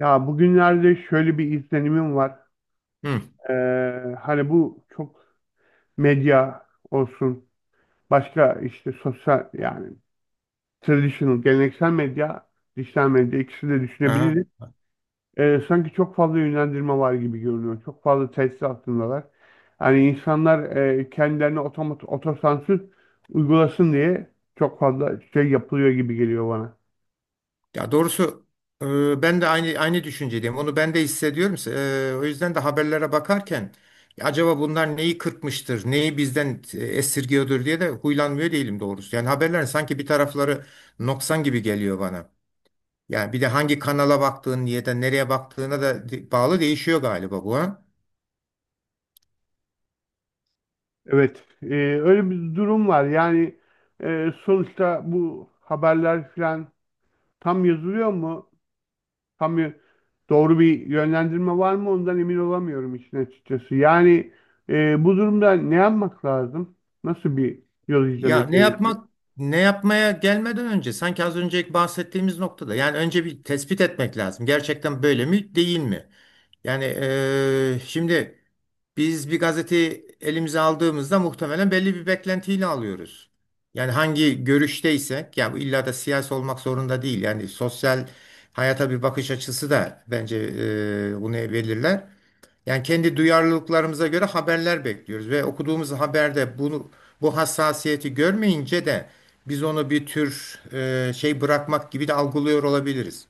Ya bugünlerde şöyle bir izlenimim var. Hı. Hani bu çok medya olsun, başka işte sosyal yani traditional, geleneksel medya, dijital medya ikisini de Aha. düşünebiliriz. Sanki çok fazla yönlendirme var gibi görünüyor. Çok fazla tesir altındalar. Hani insanlar kendilerine otosansür uygulasın diye çok fazla şey yapılıyor gibi geliyor bana. Ya doğrusu ben de aynı düşüncedeyim. Onu ben de hissediyorum. O yüzden de haberlere bakarken, "Ya acaba bunlar neyi kırpmıştır, neyi bizden esirgiyordur diye de huylanmıyor değilim doğrusu." Yani haberler sanki bir tarafları noksan gibi geliyor bana. Yani bir de hangi kanala baktığın ya da nereye baktığına da bağlı değişiyor galiba bu, ha? Evet, öyle bir durum var. Yani sonuçta bu haberler filan tam yazılıyor mu? Tam y- doğru bir yönlendirme var mı? Ondan emin olamıyorum işin açıkçası. Yani bu durumda ne yapmak lazım? Nasıl bir yol Ya izlemek gerekiyor? Ne yapmaya gelmeden önce sanki az önce bahsettiğimiz noktada, yani önce bir tespit etmek lazım. Gerçekten böyle mi değil mi? Yani şimdi biz bir gazeteyi elimize aldığımızda muhtemelen belli bir beklentiyle alıyoruz. Yani hangi görüşteysek, yani bu illa da siyasi olmak zorunda değil. Yani sosyal hayata bir bakış açısı da bence bunu belirler. Yani kendi duyarlılıklarımıza göre haberler bekliyoruz ve okuduğumuz haberde bunu, bu hassasiyeti görmeyince de biz onu bir tür şey bırakmak gibi de algılıyor olabiliriz.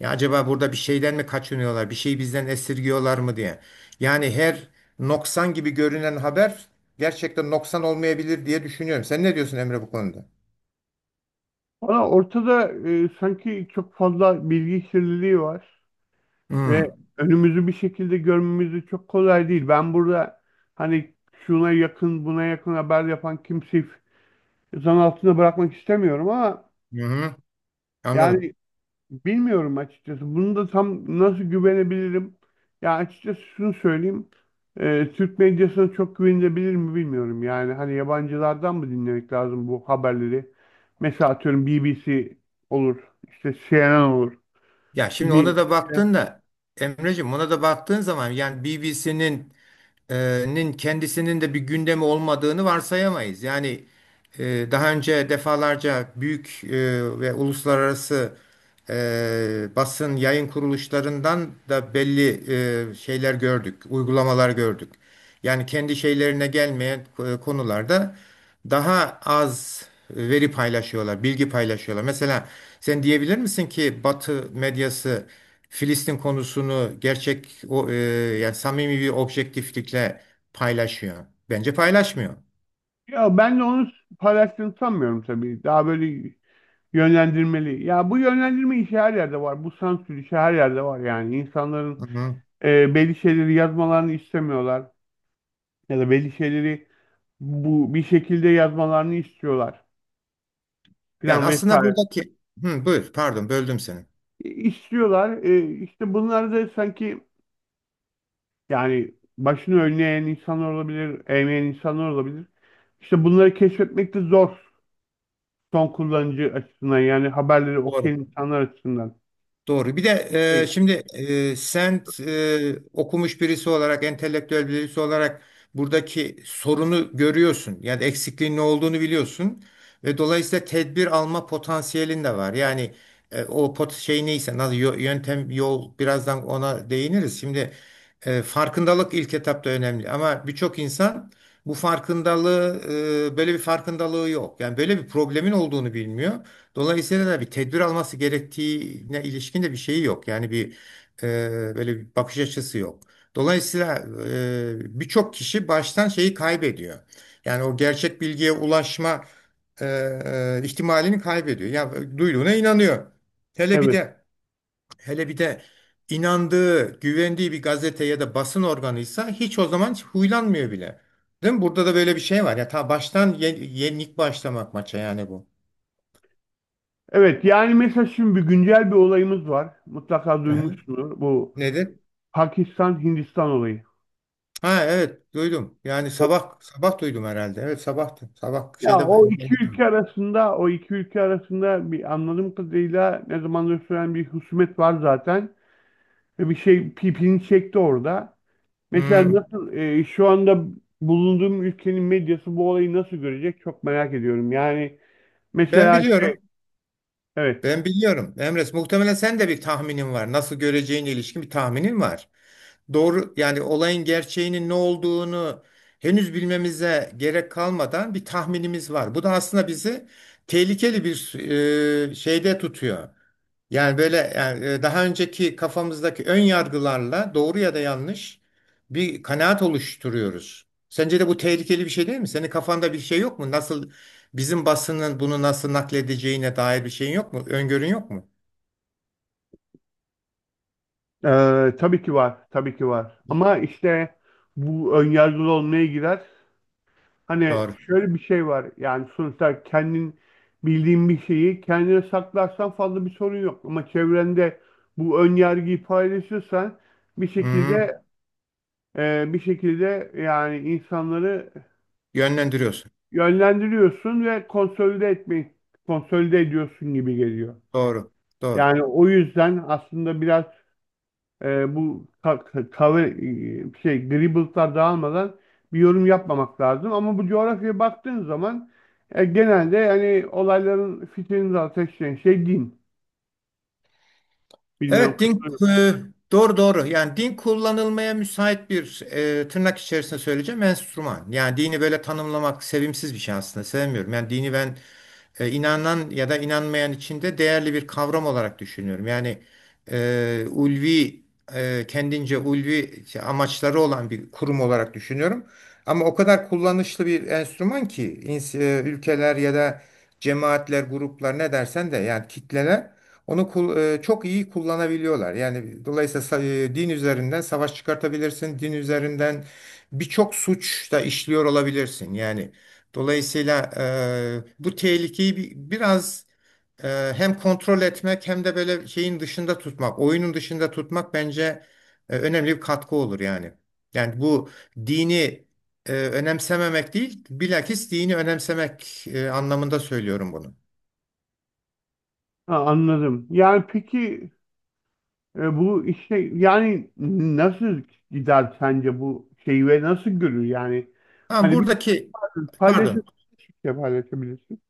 Ya acaba burada bir şeyden mi kaçınıyorlar, bir şeyi bizden esirgiyorlar mı diye. Yani her noksan gibi görünen haber gerçekten noksan olmayabilir diye düşünüyorum. Sen ne diyorsun Emre bu konuda? Valla ortada sanki çok fazla bilgi kirliliği var Hmm. ve önümüzü bir şekilde görmemiz de çok kolay değil. Ben burada hani şuna yakın buna yakın haber yapan kimseyi zan altında bırakmak istemiyorum ama Hı hı. Anladım. yani bilmiyorum açıkçası. Bunu da tam nasıl güvenebilirim? Ya açıkçası şunu söyleyeyim. Türk medyasına çok güvenilebilir mi bilmiyorum. Yani hani yabancılardan mı dinlemek lazım bu haberleri? Mesela atıyorum BBC olur, işte CNN olur Ya şimdi ona gibi da şeyler. baktığında, Emreciğim, ona da baktığın zaman yani BBC'nin e, nin kendisinin de bir gündemi olmadığını varsayamayız. Yani daha önce defalarca büyük ve uluslararası basın yayın kuruluşlarından da belli şeyler gördük, uygulamalar gördük. Yani kendi şeylerine gelmeyen konularda daha az veri paylaşıyorlar, bilgi paylaşıyorlar. Mesela sen diyebilir misin ki Batı medyası Filistin konusunu gerçek, yani samimi bir objektiflikle paylaşıyor? Bence paylaşmıyor. Ya ben de onu paylaştığını sanmıyorum tabii. Daha böyle yönlendirmeli. Ya bu yönlendirme işi her yerde var. Bu sansür işi her yerde var yani. İnsanların belli şeyleri yazmalarını istemiyorlar. Ya da belli şeyleri bu bir şekilde yazmalarını istiyorlar Yani filan aslında vesaire. buradaki... Hı, buyur, pardon böldüm seni. İstiyorlar. İşte bunlar da sanki yani başını önüne eğen insanlar olabilir, eğmeyen insanlar olabilir. İşte bunları keşfetmek de zor son kullanıcı açısından yani haberleri Doğru. okuyan insanlar açısından. Doğru. Bir de Evet. şimdi sen okumuş birisi olarak, entelektüel birisi olarak buradaki sorunu görüyorsun. Yani eksikliğin ne olduğunu biliyorsun. Ve dolayısıyla tedbir alma potansiyelin de var. Yani o pot şey neyse, nasıl yöntem, yol, birazdan ona değiniriz. Şimdi farkındalık ilk etapta önemli. Ama birçok insan bu böyle bir farkındalığı yok. Yani böyle bir problemin olduğunu bilmiyor. Dolayısıyla da bir tedbir alması gerektiğine ilişkin de bir şeyi yok. Yani bir böyle bir bakış açısı yok. Dolayısıyla birçok kişi baştan şeyi kaybediyor. Yani o gerçek bilgiye ulaşma e, ihtimalini kaybediyor. Ya duyduğuna inanıyor. Hele bir Evet. de hele bir de inandığı, güvendiği bir gazete ya da basın organıysa, hiç o zaman hiç huylanmıyor bile. Değil mi? Burada da böyle bir şey var. Ya ta baştan yenik başlamak maça yani bu. Evet, yani mesela şimdi bir güncel bir olayımız var. Mutlaka Aha. duymuşsunuz bu Nedir? Pakistan-Hindistan olayı. Ha, evet duydum. Yani sabah sabah duydum herhalde. Evet sabahtı. Sabah Ya şeyde. o iki ülke arasında bir anladığım kadarıyla ne zamandır süren bir husumet var zaten ve bir şey pipini çekti orada. Mesela Hmm. nasıl şu anda bulunduğum ülkenin medyası bu olayı nasıl görecek çok merak ediyorum. Yani Ben mesela şey biliyorum. evet, Ben biliyorum. Emres, muhtemelen sen de bir tahminin var. Nasıl göreceğine ilişkin bir tahminin var. Doğru, yani olayın gerçeğinin ne olduğunu henüz bilmemize gerek kalmadan bir tahminimiz var. Bu da aslında bizi tehlikeli bir şeyde tutuyor. Yani böyle yani daha önceki kafamızdaki ön yargılarla doğru ya da yanlış bir kanaat oluşturuyoruz. Sence de bu tehlikeli bir şey değil mi? Senin kafanda bir şey yok mu? Nasıl bizim basının bunu nasıl nakledeceğine dair bir şeyin yok mu? Öngörün yok mu? Tabii ki var, ama işte bu önyargılı olmaya girer. Hani Doğru. şöyle bir şey var yani sonuçta kendin bildiğin bir şeyi kendine saklarsan fazla bir sorun yok. Ama çevrende bu ön yargıyı paylaşırsan bir Hı. şekilde yani insanları Yönlendiriyorsun. yönlendiriyorsun ve konsolide etmeyi ediyorsun gibi geliyor. Doğru. Doğru. Yani o yüzden aslında biraz bu cover şey dribble'lar dağılmadan bir yorum yapmamak lazım. Ama bu coğrafyaya baktığın zaman genelde yani olayların fitilini de ateşleyen şey din. Bilmiyorum Evet, katılıyor. Doğru doğru. Yani din kullanılmaya müsait bir, tırnak içerisinde söyleyeceğim, enstrüman. Yani dini böyle tanımlamak sevimsiz bir şey aslında. Sevmiyorum. Yani dini ben inanan ya da inanmayan içinde değerli bir kavram olarak düşünüyorum. Yani ulvi kendince ulvi amaçları olan bir kurum olarak düşünüyorum. Ama o kadar kullanışlı bir enstrüman ki ülkeler ya da cemaatler, gruplar, ne dersen de yani kitleler, onu çok iyi kullanabiliyorlar. Yani dolayısıyla din üzerinden savaş çıkartabilirsin. Din üzerinden birçok suç da işliyor olabilirsin. Yani dolayısıyla bu tehlikeyi biraz hem kontrol etmek hem de böyle şeyin dışında tutmak, oyunun dışında tutmak bence önemli bir katkı olur yani. Yani bu dini önemsememek değil, bilakis dini önemsemek anlamında söylüyorum bunu. Ha, anladım. Yani peki bu işte yani nasıl gider sence bu şeyi ve nasıl görür yani? Tamam, Hani bir buradaki, paylaşır, pardon. paylaşabilirsin.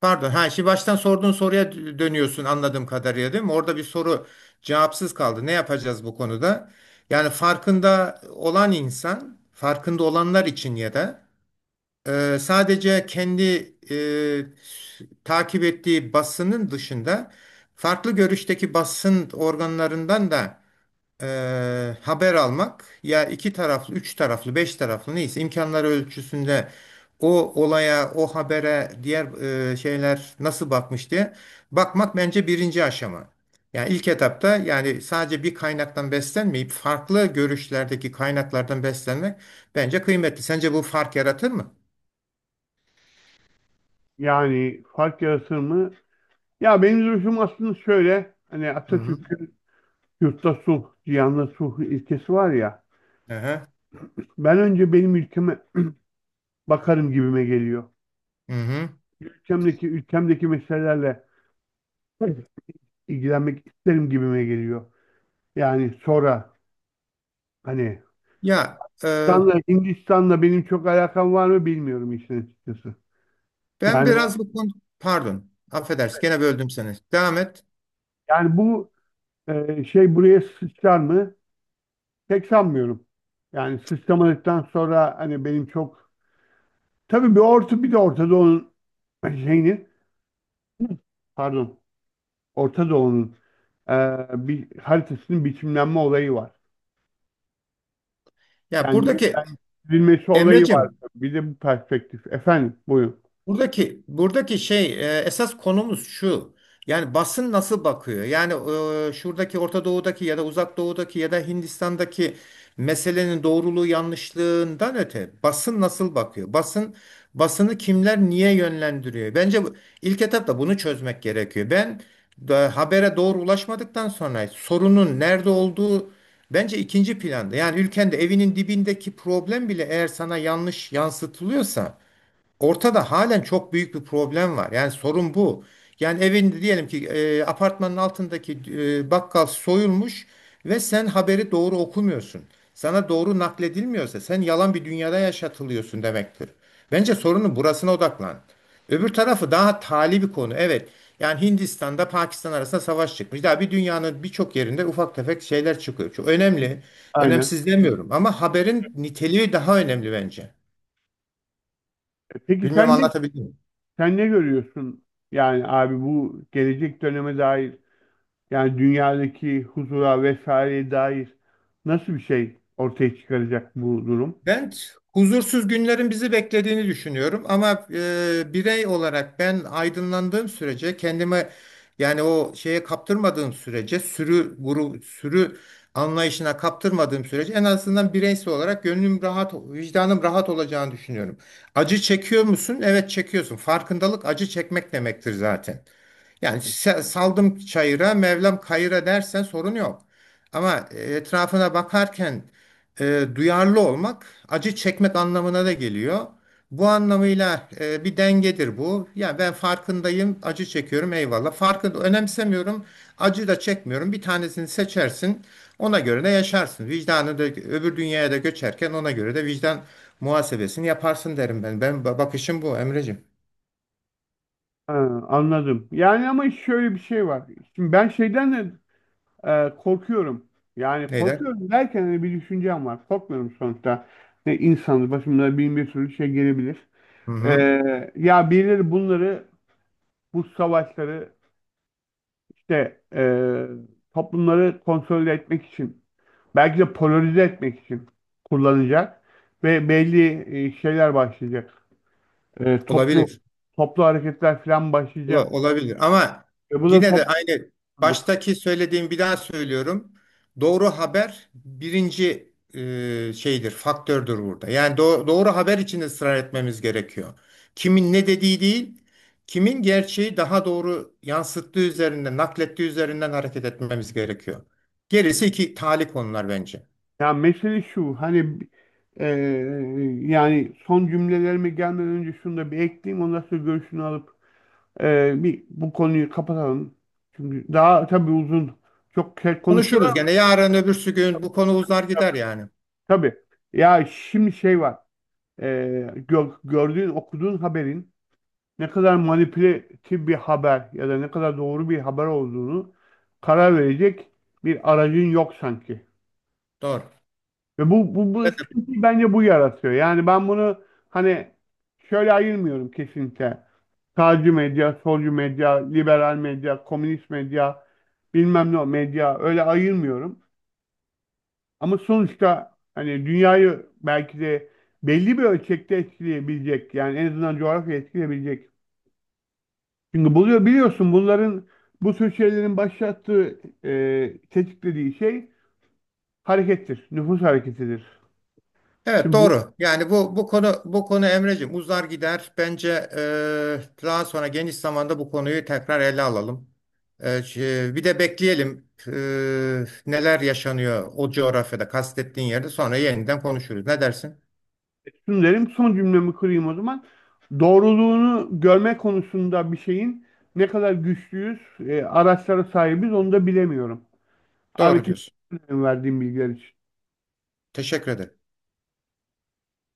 Pardon. Ha, şimdi baştan sorduğun soruya dönüyorsun anladığım kadarıyla, değil mi? Orada bir soru cevapsız kaldı. Ne yapacağız bu konuda? Yani farkında olan insan, farkında olanlar için ya da sadece kendi takip ettiği basının dışında farklı görüşteki basın organlarından da haber almak, ya iki taraflı, üç taraflı, beş taraflı neyse imkanları ölçüsünde o olaya, o habere, diğer şeyler nasıl bakmış diye bakmak bence birinci aşama. Yani ilk etapta yani sadece bir kaynaktan beslenmeyip farklı görüşlerdeki kaynaklardan beslenmek bence kıymetli. Sence bu fark yaratır mı? Yani fark yaratır mı? Ya benim duruşum aslında şöyle. Hani Hı hı. Atatürk'ün yurtta sulh, cihanda sulh ilkesi var ya. Aha. Ben önce benim ülkeme bakarım gibime geliyor. Hı hı. Ülkemdeki meselelerle ilgilenmek isterim gibime geliyor. Yani sonra hani Ya Hindistan'la, benim çok alakam var mı bilmiyorum işin açıkçası. ben Yani biraz bu konu, pardon, affedersin, gene böldüm seni. Devam et. yani bu şey buraya sıçrar mı? Pek sanmıyorum. Yani sıçramadıktan sonra hani benim çok tabii bir orta bir de Orta Doğu'nun şeyini pardon, Orta Doğu'nun e, bir haritasının biçimlenme olayı var. Ya Yani buradaki yeniden çizilmesi olayı var. Emreciğim Bir de bu perspektif. Efendim, buyurun. Buradaki buradaki şey, esas konumuz şu. Yani basın nasıl bakıyor? Yani şuradaki Orta Doğu'daki ya da Uzak Doğu'daki ya da Hindistan'daki meselenin doğruluğu yanlışlığından öte basın nasıl bakıyor? Basını kimler niye yönlendiriyor? Bence bu, ilk etapta bunu çözmek gerekiyor. Ben da, habere doğru ulaşmadıktan sonra sorunun nerede olduğu bence ikinci planda. Yani ülkende evinin dibindeki problem bile eğer sana yanlış yansıtılıyorsa, ortada halen çok büyük bir problem var. Yani sorun bu. Yani evinde diyelim ki apartmanın altındaki bakkal soyulmuş ve sen haberi doğru okumuyorsun. Sana doğru nakledilmiyorsa, sen yalan bir dünyada yaşatılıyorsun demektir. Bence sorunun burasına odaklan. Öbür tarafı daha tali bir konu. Evet. Yani Hindistan'da Pakistan arasında savaş çıkmış. Daha bir dünyanın birçok yerinde ufak tefek şeyler çıkıyor. Çok önemli. Aynen. Önemsiz demiyorum ama haberin niteliği daha önemli bence. Peki Bilmiyorum, sen ne, anlatabildim mi? sen ne görüyorsun? Yani abi bu gelecek döneme dair yani dünyadaki huzura vesaireye dair nasıl bir şey ortaya çıkaracak bu durum? Ben huzursuz günlerin bizi beklediğini düşünüyorum ama birey olarak ben aydınlandığım sürece, kendime yani o şeye kaptırmadığım sürece, sürü anlayışına kaptırmadığım sürece en azından bireysel olarak gönlüm rahat, vicdanım rahat olacağını düşünüyorum. Acı çekiyor musun? Evet çekiyorsun. Farkındalık acı çekmek demektir zaten. Yani saldım çayıra, Mevlam kayıra dersen sorun yok. Ama etrafına bakarken duyarlı olmak acı çekmek anlamına da geliyor. Bu anlamıyla bir dengedir bu. Ya ben farkındayım, acı çekiyorum, eyvallah. Farkında önemsemiyorum, acı da çekmiyorum. Bir tanesini seçersin, ona göre de yaşarsın. Vicdanı da öbür dünyaya da göçerken ona göre de vicdan muhasebesini yaparsın derim ben. Ben bakışım bu, Emreciğim. Ha, anladım. Yani ama şöyle bir şey var. Şimdi ben şeyden de korkuyorum. Yani Neyden? korkuyorum derken hani bir düşüncem var. Korkmuyorum sonuçta. Ne insanız, başımıza bin bir sürü şey gelebilir. Hı E, hı. Ya birileri bunları, bu savaşları, işte toplumları konsolide etmek için belki de polarize etmek için kullanacak ve belli şeyler başlayacak. E, toplu Olabilir. Toplu hareketler falan başlayacak. Olabilir ama Bu da yine de aynı, topluluk. baştaki söylediğim, bir daha söylüyorum. Doğru haber birinci şeydir, faktördür burada. Yani doğru haber için ısrar etmemiz gerekiyor. Kimin ne dediği değil, kimin gerçeği daha doğru yansıttığı üzerinden, naklettiği üzerinden hareket etmemiz gerekiyor. Gerisi iki tali konular bence. Ya mesele şu hani eee, yani son cümlelerime gelmeden önce şunu da bir ekleyeyim, ondan sonra görüşünü alıp bir bu konuyu kapatalım. Çünkü daha tabii uzun çok şey konuşurlar Konuşuruz ama gene, yarın öbürsü gün bu konu uzar gider yani. tabii. Ya şimdi şey var, gördüğün okuduğun haberin ne kadar manipülatif bir haber ya da ne kadar doğru bir haber olduğunu karar verecek bir aracın yok sanki. Doğru. Ve bu sıkıntıyı bence bu yaratıyor. Yani ben bunu hani şöyle ayırmıyorum kesinlikle. Sağcı medya, solcu medya, liberal medya, komünist medya, bilmem ne medya, öyle ayırmıyorum. Ama sonuçta hani dünyayı belki de belli bir ölçekte etkileyebilecek, yani en azından coğrafya etkileyebilecek. Çünkü buluyor biliyorsun bunların, bu tür şeylerin başlattığı tetiklediği şey harekettir, nüfus hareketidir. Evet Şimdi doğru. Yani bu konu Emreciğim uzar gider. Bence daha sonra geniş zamanda bu konuyu tekrar ele alalım. Bir de bekleyelim neler yaşanıyor o coğrafyada, kastettiğin yerde, sonra yeniden konuşuruz. Ne dersin? Şunu derim, son cümlemi kırayım o zaman. Doğruluğunu görme konusunda bir şeyin ne kadar güçlüyüz, araçlara sahibiz onu da bilemiyorum. Abi Doğru diyorsun. teşekkür ederim verdiğim bilgiler için. Teşekkür ederim.